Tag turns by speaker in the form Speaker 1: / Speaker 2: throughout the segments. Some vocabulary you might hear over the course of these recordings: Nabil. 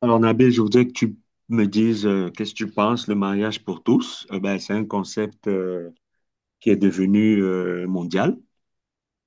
Speaker 1: Alors, Nabil, je voudrais que tu me dises qu'est-ce que tu penses, le mariage pour tous. Ben, c'est un concept qui est devenu mondial.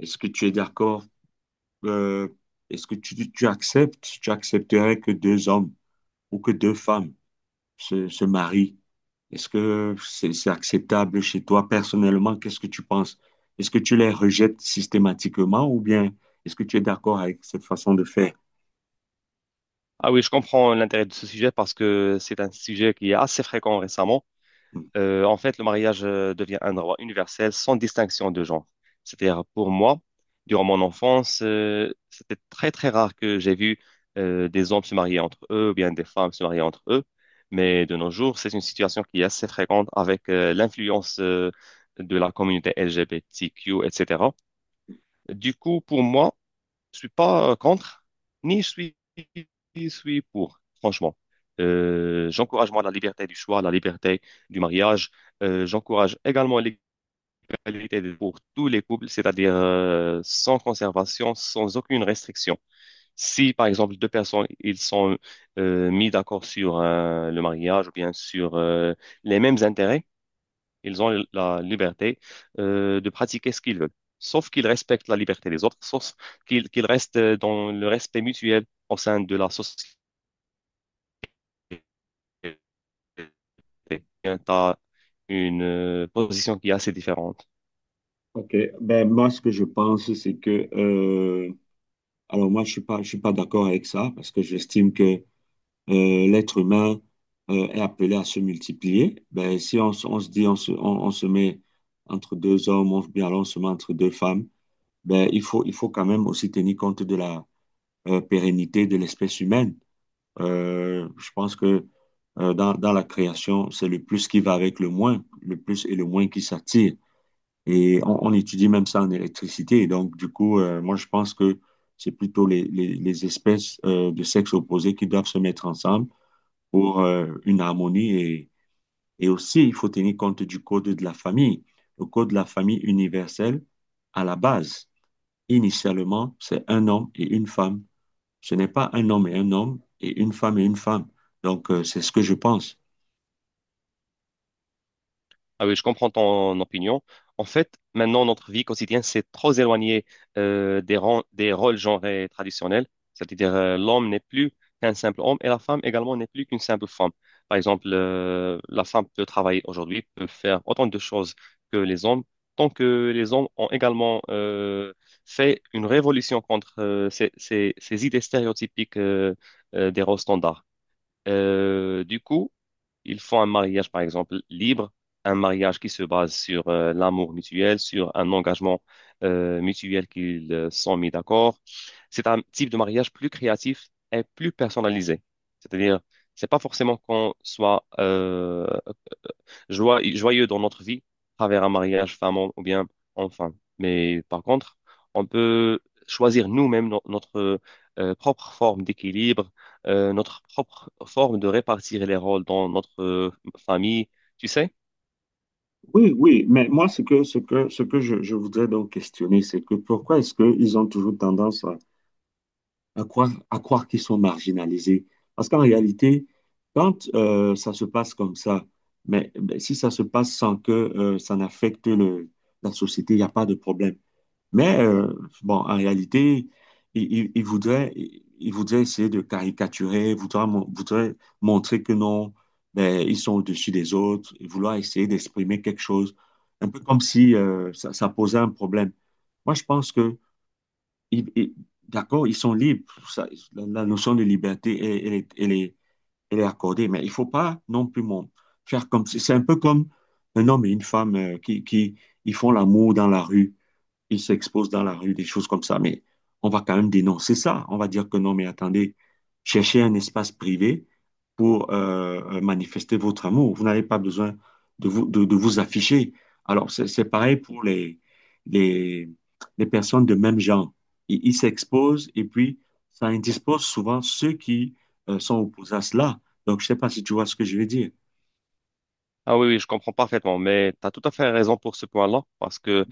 Speaker 1: Est-ce que tu es d'accord? euh, Est-ce que tu acceptes, tu accepterais que deux hommes ou que deux femmes se marient? Est-ce que c'est acceptable chez toi personnellement? Qu'est-ce que tu penses? Est-ce que tu les rejettes systématiquement ou bien est-ce que tu es d'accord avec cette façon de faire?
Speaker 2: Ah oui, je comprends l'intérêt de ce sujet parce que c'est un sujet qui est assez fréquent récemment. En fait, le mariage devient un droit universel sans distinction de genre. C'est-à-dire, pour moi, durant mon enfance, c'était très très rare que j'ai vu des hommes se marier entre eux ou bien des femmes se marier entre eux. Mais de nos jours, c'est une situation qui est assez fréquente avec l'influence de la communauté LGBTQ, etc. Du coup, pour moi, je suis pas contre, ni je suis, je suis pour, franchement. J'encourage moi la liberté du choix, la liberté du mariage. J'encourage également l'égalité pour tous les couples, c'est-à-dire sans conservation, sans aucune restriction. Si par exemple deux personnes ils sont mis d'accord sur le mariage ou bien sur les mêmes intérêts, ils ont la liberté de pratiquer ce qu'ils veulent, sauf qu'ils respectent la liberté des autres, sauf qu'ils restent dans le respect mutuel au sein de la société. Tu as une position qui est assez différente.
Speaker 1: Ok, ben moi ce que je pense c'est que alors moi je suis pas d'accord avec ça parce que j'estime que l'être humain est appelé à se multiplier. Ben si on se dit on se met entre deux hommes on, bien alors on se met entre deux femmes, ben il faut quand même aussi tenir compte de la pérennité de l'espèce humaine. Je pense que dans la création c'est le plus qui va avec le moins, le plus et le moins qui s'attirent. Et on étudie même ça en électricité. Et donc, du coup, moi, je pense que c'est plutôt les espèces de sexe opposé qui doivent se mettre ensemble pour une harmonie. Et aussi, il faut tenir compte du code de la famille. Le code de la famille universel, à la base, initialement, c'est un homme et une femme. Ce n'est pas un homme et un homme et une femme et une femme. Donc, c'est ce que je pense.
Speaker 2: Ah oui, je comprends ton opinion. En fait, maintenant, notre vie quotidienne s'est trop éloignée des, des rôles genrés traditionnels. C'est-à-dire, l'homme n'est plus qu'un simple homme et la femme également n'est plus qu'une simple femme. Par exemple, la femme peut travailler aujourd'hui, peut faire autant de choses que les hommes, tant que les hommes ont également fait une révolution contre ces idées stéréotypiques des rôles standards. Du coup, ils font un mariage, par exemple, libre, un mariage qui se base sur l'amour mutuel, sur un engagement mutuel qu'ils sont mis d'accord. C'est un type de mariage plus créatif et plus personnalisé. C'est-à-dire, c'est pas forcément qu'on soit joyeux dans notre vie, à travers un mariage, femme ou bien enfant. Mais par contre, on peut choisir nous-mêmes notre propre forme d'équilibre, notre propre forme de répartir les rôles dans notre famille, tu sais?
Speaker 1: Oui, oui, mais moi, ce que je voudrais donc questionner, c'est que pourquoi est-ce qu'ils ont toujours tendance à à croire qu'ils sont marginalisés. Parce qu'en réalité, quand ça se passe comme ça, mais si ça se passe sans que ça n'affecte la société, il n'y a pas de problème. Mais bon, en réalité, il voudraient il voudrait essayer de caricaturer, voudraient voudrait montrer que non, ben, ils sont au-dessus des autres, et vouloir essayer d'exprimer quelque chose, un peu comme si ça posait un problème. Moi, je pense que ils- ils- d'accord, ils sont libres. Ça, la notion de liberté, elle elle est accordée, mais il faut pas non plus faire comme si- C'est un peu comme un homme et une femme qui ils font l'amour dans la rue, ils s'exposent dans la rue, des choses comme ça. Mais on va quand même dénoncer ça. On va dire que non, mais attendez, cherchez un espace privé pour manifester votre amour. Vous n'avez pas besoin de de vous afficher. Alors, c'est pareil pour les, les personnes de même genre. Ils s'exposent et puis ça indispose souvent ceux qui sont opposés à cela. Donc, je ne sais pas si tu vois ce que je veux dire.
Speaker 2: Ah oui, oui, je comprends parfaitement, mais tu as tout à fait raison pour ce point-là, parce que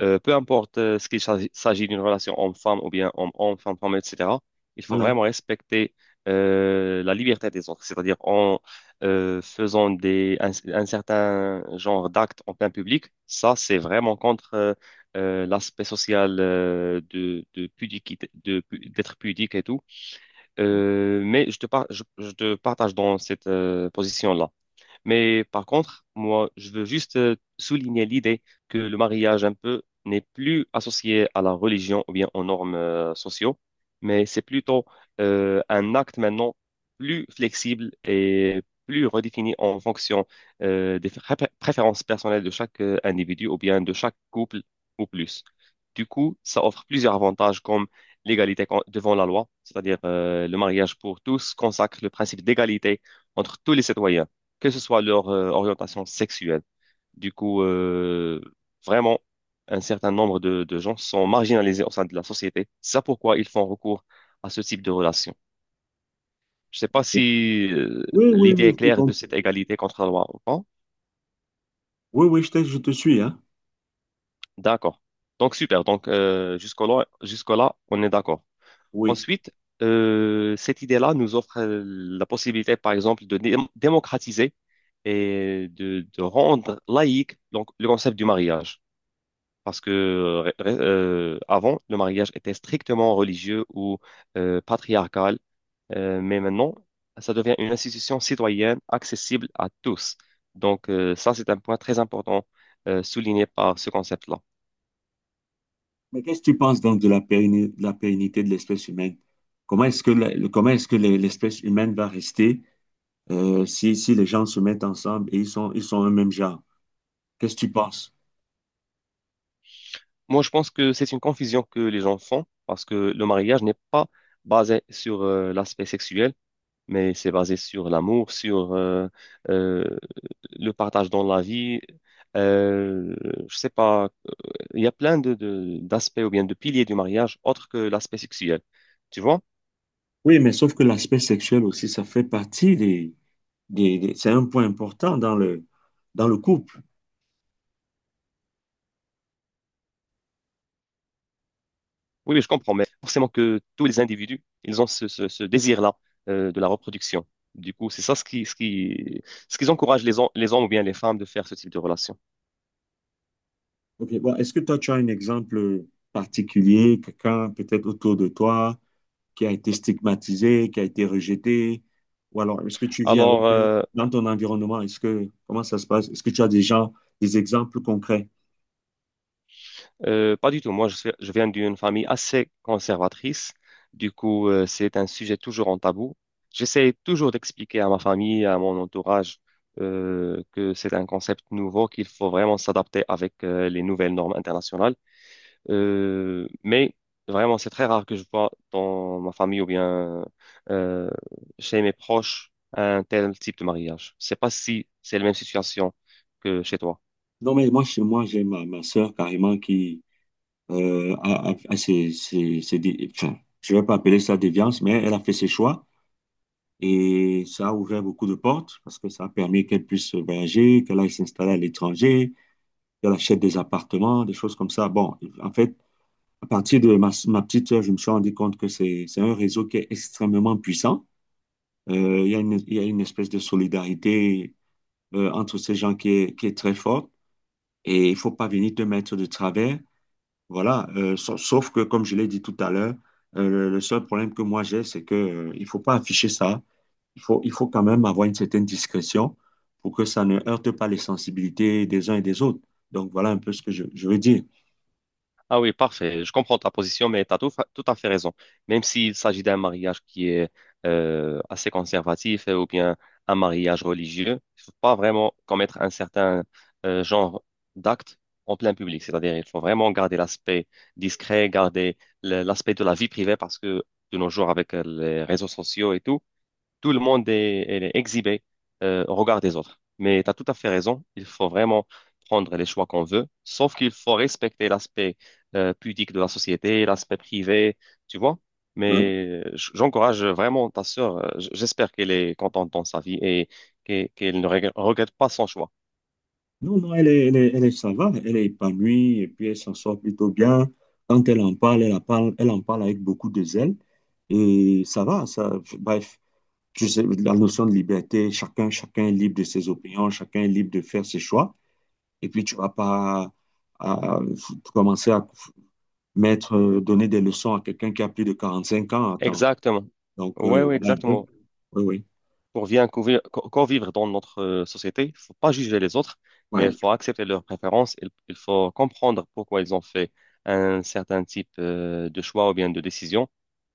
Speaker 2: peu importe ce qu'il s'agit d'une relation homme-femme ou bien homme-homme, femme-femme, etc., il faut
Speaker 1: Voilà.
Speaker 2: vraiment respecter la liberté des autres, c'est-à-dire en faisant des, un certain genre d'actes en plein public. Ça, c'est vraiment contre l'aspect social de d'être pudique et tout. Mais je te partage dans cette position-là. Mais par contre, moi, je veux juste souligner l'idée que le mariage un peu n'est plus associé à la religion ou bien aux normes sociaux, mais c'est plutôt un acte maintenant plus flexible et plus redéfini en fonction des préférences personnelles de chaque individu ou bien de chaque couple ou plus. Du coup, ça offre plusieurs avantages comme devant la loi, c'est-à-dire le mariage pour tous consacre le principe d'égalité entre tous les citoyens que ce soit leur orientation sexuelle. Du coup, vraiment, un certain nombre de gens sont marginalisés au sein de la société. C'est ça pourquoi ils font recours à ce type de relation. Je ne sais pas si
Speaker 1: Oui, oui,
Speaker 2: l'idée
Speaker 1: oui,
Speaker 2: est
Speaker 1: je te
Speaker 2: claire de
Speaker 1: comprends.
Speaker 2: cette égalité contre la loi ou pas.
Speaker 1: Oui, oui, je te suis, hein.
Speaker 2: D'accord. Donc, super. Donc, jusqu'au-là, on est d'accord.
Speaker 1: Oui.
Speaker 2: Ensuite, cette idée-là nous offre la possibilité, par exemple, de démocratiser et de rendre laïque donc, le concept du mariage. Parce que avant, le mariage était strictement religieux ou patriarcal, mais maintenant, ça devient une institution citoyenne accessible à tous. Donc, ça, c'est un point très important souligné par ce concept-là.
Speaker 1: Mais qu'est-ce que tu penses donc de de la pérennité de l'espèce humaine? Comment est-ce que comment est-ce que l'espèce humaine va rester si, si les gens se mettent ensemble et ils sont un même genre? Qu'est-ce que tu penses?
Speaker 2: Moi, je pense que c'est une confusion que les gens font parce que le mariage n'est pas basé sur l'aspect sexuel. Mais c'est basé sur l'amour, sur euh, le partage dans la vie. Euh, je sais pas, il y a plein de, d'aspects ou bien de piliers du mariage autres que l'aspect sexuel. Tu vois?
Speaker 1: Oui, mais sauf que l'aspect sexuel aussi, ça fait partie c'est un point important dans dans le couple.
Speaker 2: Oui, oui, je comprends, mais forcément que tous les individus, ils ont ce, ce désir-là de la reproduction. Du coup, c'est ça ce qui encourage les, les hommes ou bien les femmes de faire ce type de relation.
Speaker 1: Ok, bon, est-ce que toi, tu as un exemple particulier, quelqu'un peut-être autour de toi? Qui a été stigmatisé, qui a été rejeté? Ou alors, est-ce que tu vis avec
Speaker 2: Alors,
Speaker 1: eux
Speaker 2: euh,
Speaker 1: dans ton environnement? Est-ce que, comment ça se passe? Est-ce que tu as des gens, des exemples concrets?
Speaker 2: Euh, pas du tout. Moi, je viens d'une famille assez conservatrice. Du coup, c'est un sujet toujours en tabou. J'essaie toujours d'expliquer à ma famille, à mon entourage, que c'est un concept nouveau, qu'il faut vraiment s'adapter avec, les nouvelles normes internationales. Mais vraiment, c'est très rare que je vois dans ma famille ou bien euh, chez mes proches un tel type de mariage. Je sais pas si c'est la même situation que chez toi.
Speaker 1: Non, mais moi, chez moi, j'ai ma sœur carrément qui a ses enfin, je ne vais pas appeler ça déviance, mais elle a fait ses choix et ça a ouvert beaucoup de portes parce que ça a permis qu'elle puisse voyager, qu'elle aille s'installer à l'étranger, qu'elle achète des appartements, des choses comme ça. Bon, en fait, à partir de ma petite sœur, je me suis rendu compte que c'est un réseau qui est extrêmement puissant. Il y a il y a une espèce de solidarité entre ces gens qui est très forte et il faut pas venir te mettre de travers. Voilà. Sauf que, comme je l'ai dit tout à l'heure, le seul problème que moi j'ai, c'est que, il faut pas afficher ça. Il faut quand même avoir une certaine discrétion pour que ça ne heurte pas les sensibilités des uns et des autres. Donc, voilà un peu ce que je veux dire.
Speaker 2: Ah oui, parfait. Je comprends ta position, mais tu as tout, tout à fait raison. Même s'il s'agit d'un mariage qui est assez conservatif ou bien un mariage religieux, il faut pas vraiment commettre un certain genre d'acte en plein public. C'est-à-dire, il faut vraiment garder l'aspect discret, garder l'aspect de la vie privée parce que de nos jours, avec les réseaux sociaux et tout, tout le monde est, elle est exhibé au regard des autres. Mais tu as tout à fait raison, il faut vraiment prendre les choix qu'on veut, sauf qu'il faut respecter l'aspect pudique de la société, l'aspect privé, tu vois.
Speaker 1: Hein.
Speaker 2: Mais j'encourage vraiment ta sœur, j'espère qu'elle est contente dans sa vie et qu'elle ne regrette pas son choix.
Speaker 1: Non, non, elle ça va, elle est épanouie et puis elle s'en sort plutôt bien. Quand elle en parle, elle en parle avec beaucoup de zèle et ça va, ça, bref, je sais, la notion de liberté, chacun est libre de ses opinions, chacun est libre de faire ses choix et puis tu vas pas à, commencer à mettre, donner des leçons à quelqu'un qui a plus de 45 ans, attends.
Speaker 2: Exactement.
Speaker 1: Donc,
Speaker 2: Ouais, ouais,
Speaker 1: voilà un peu.
Speaker 2: exactement.
Speaker 1: Oui, oui.
Speaker 2: Pour bien convivre dans notre société, il faut pas juger les autres, mais il
Speaker 1: Ouais,
Speaker 2: faut accepter leurs préférences. Il faut comprendre pourquoi ils ont fait un certain type de choix ou bien de décision.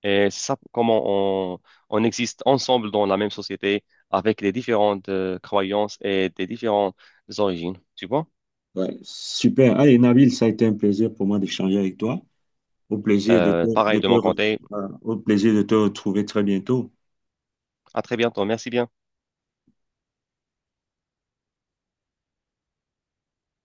Speaker 2: Et ça, on existe ensemble dans la même société avec les différentes croyances et des différentes origines. Tu vois?
Speaker 1: ouais. Super. Allez, Nabil, ça a été un plaisir pour moi d'échanger avec toi. Au plaisir de
Speaker 2: Euh,
Speaker 1: te- de
Speaker 2: pareil de
Speaker 1: te
Speaker 2: mon
Speaker 1: re-
Speaker 2: côté.
Speaker 1: Au plaisir de te retrouver très bientôt.
Speaker 2: À très bientôt. Merci bien.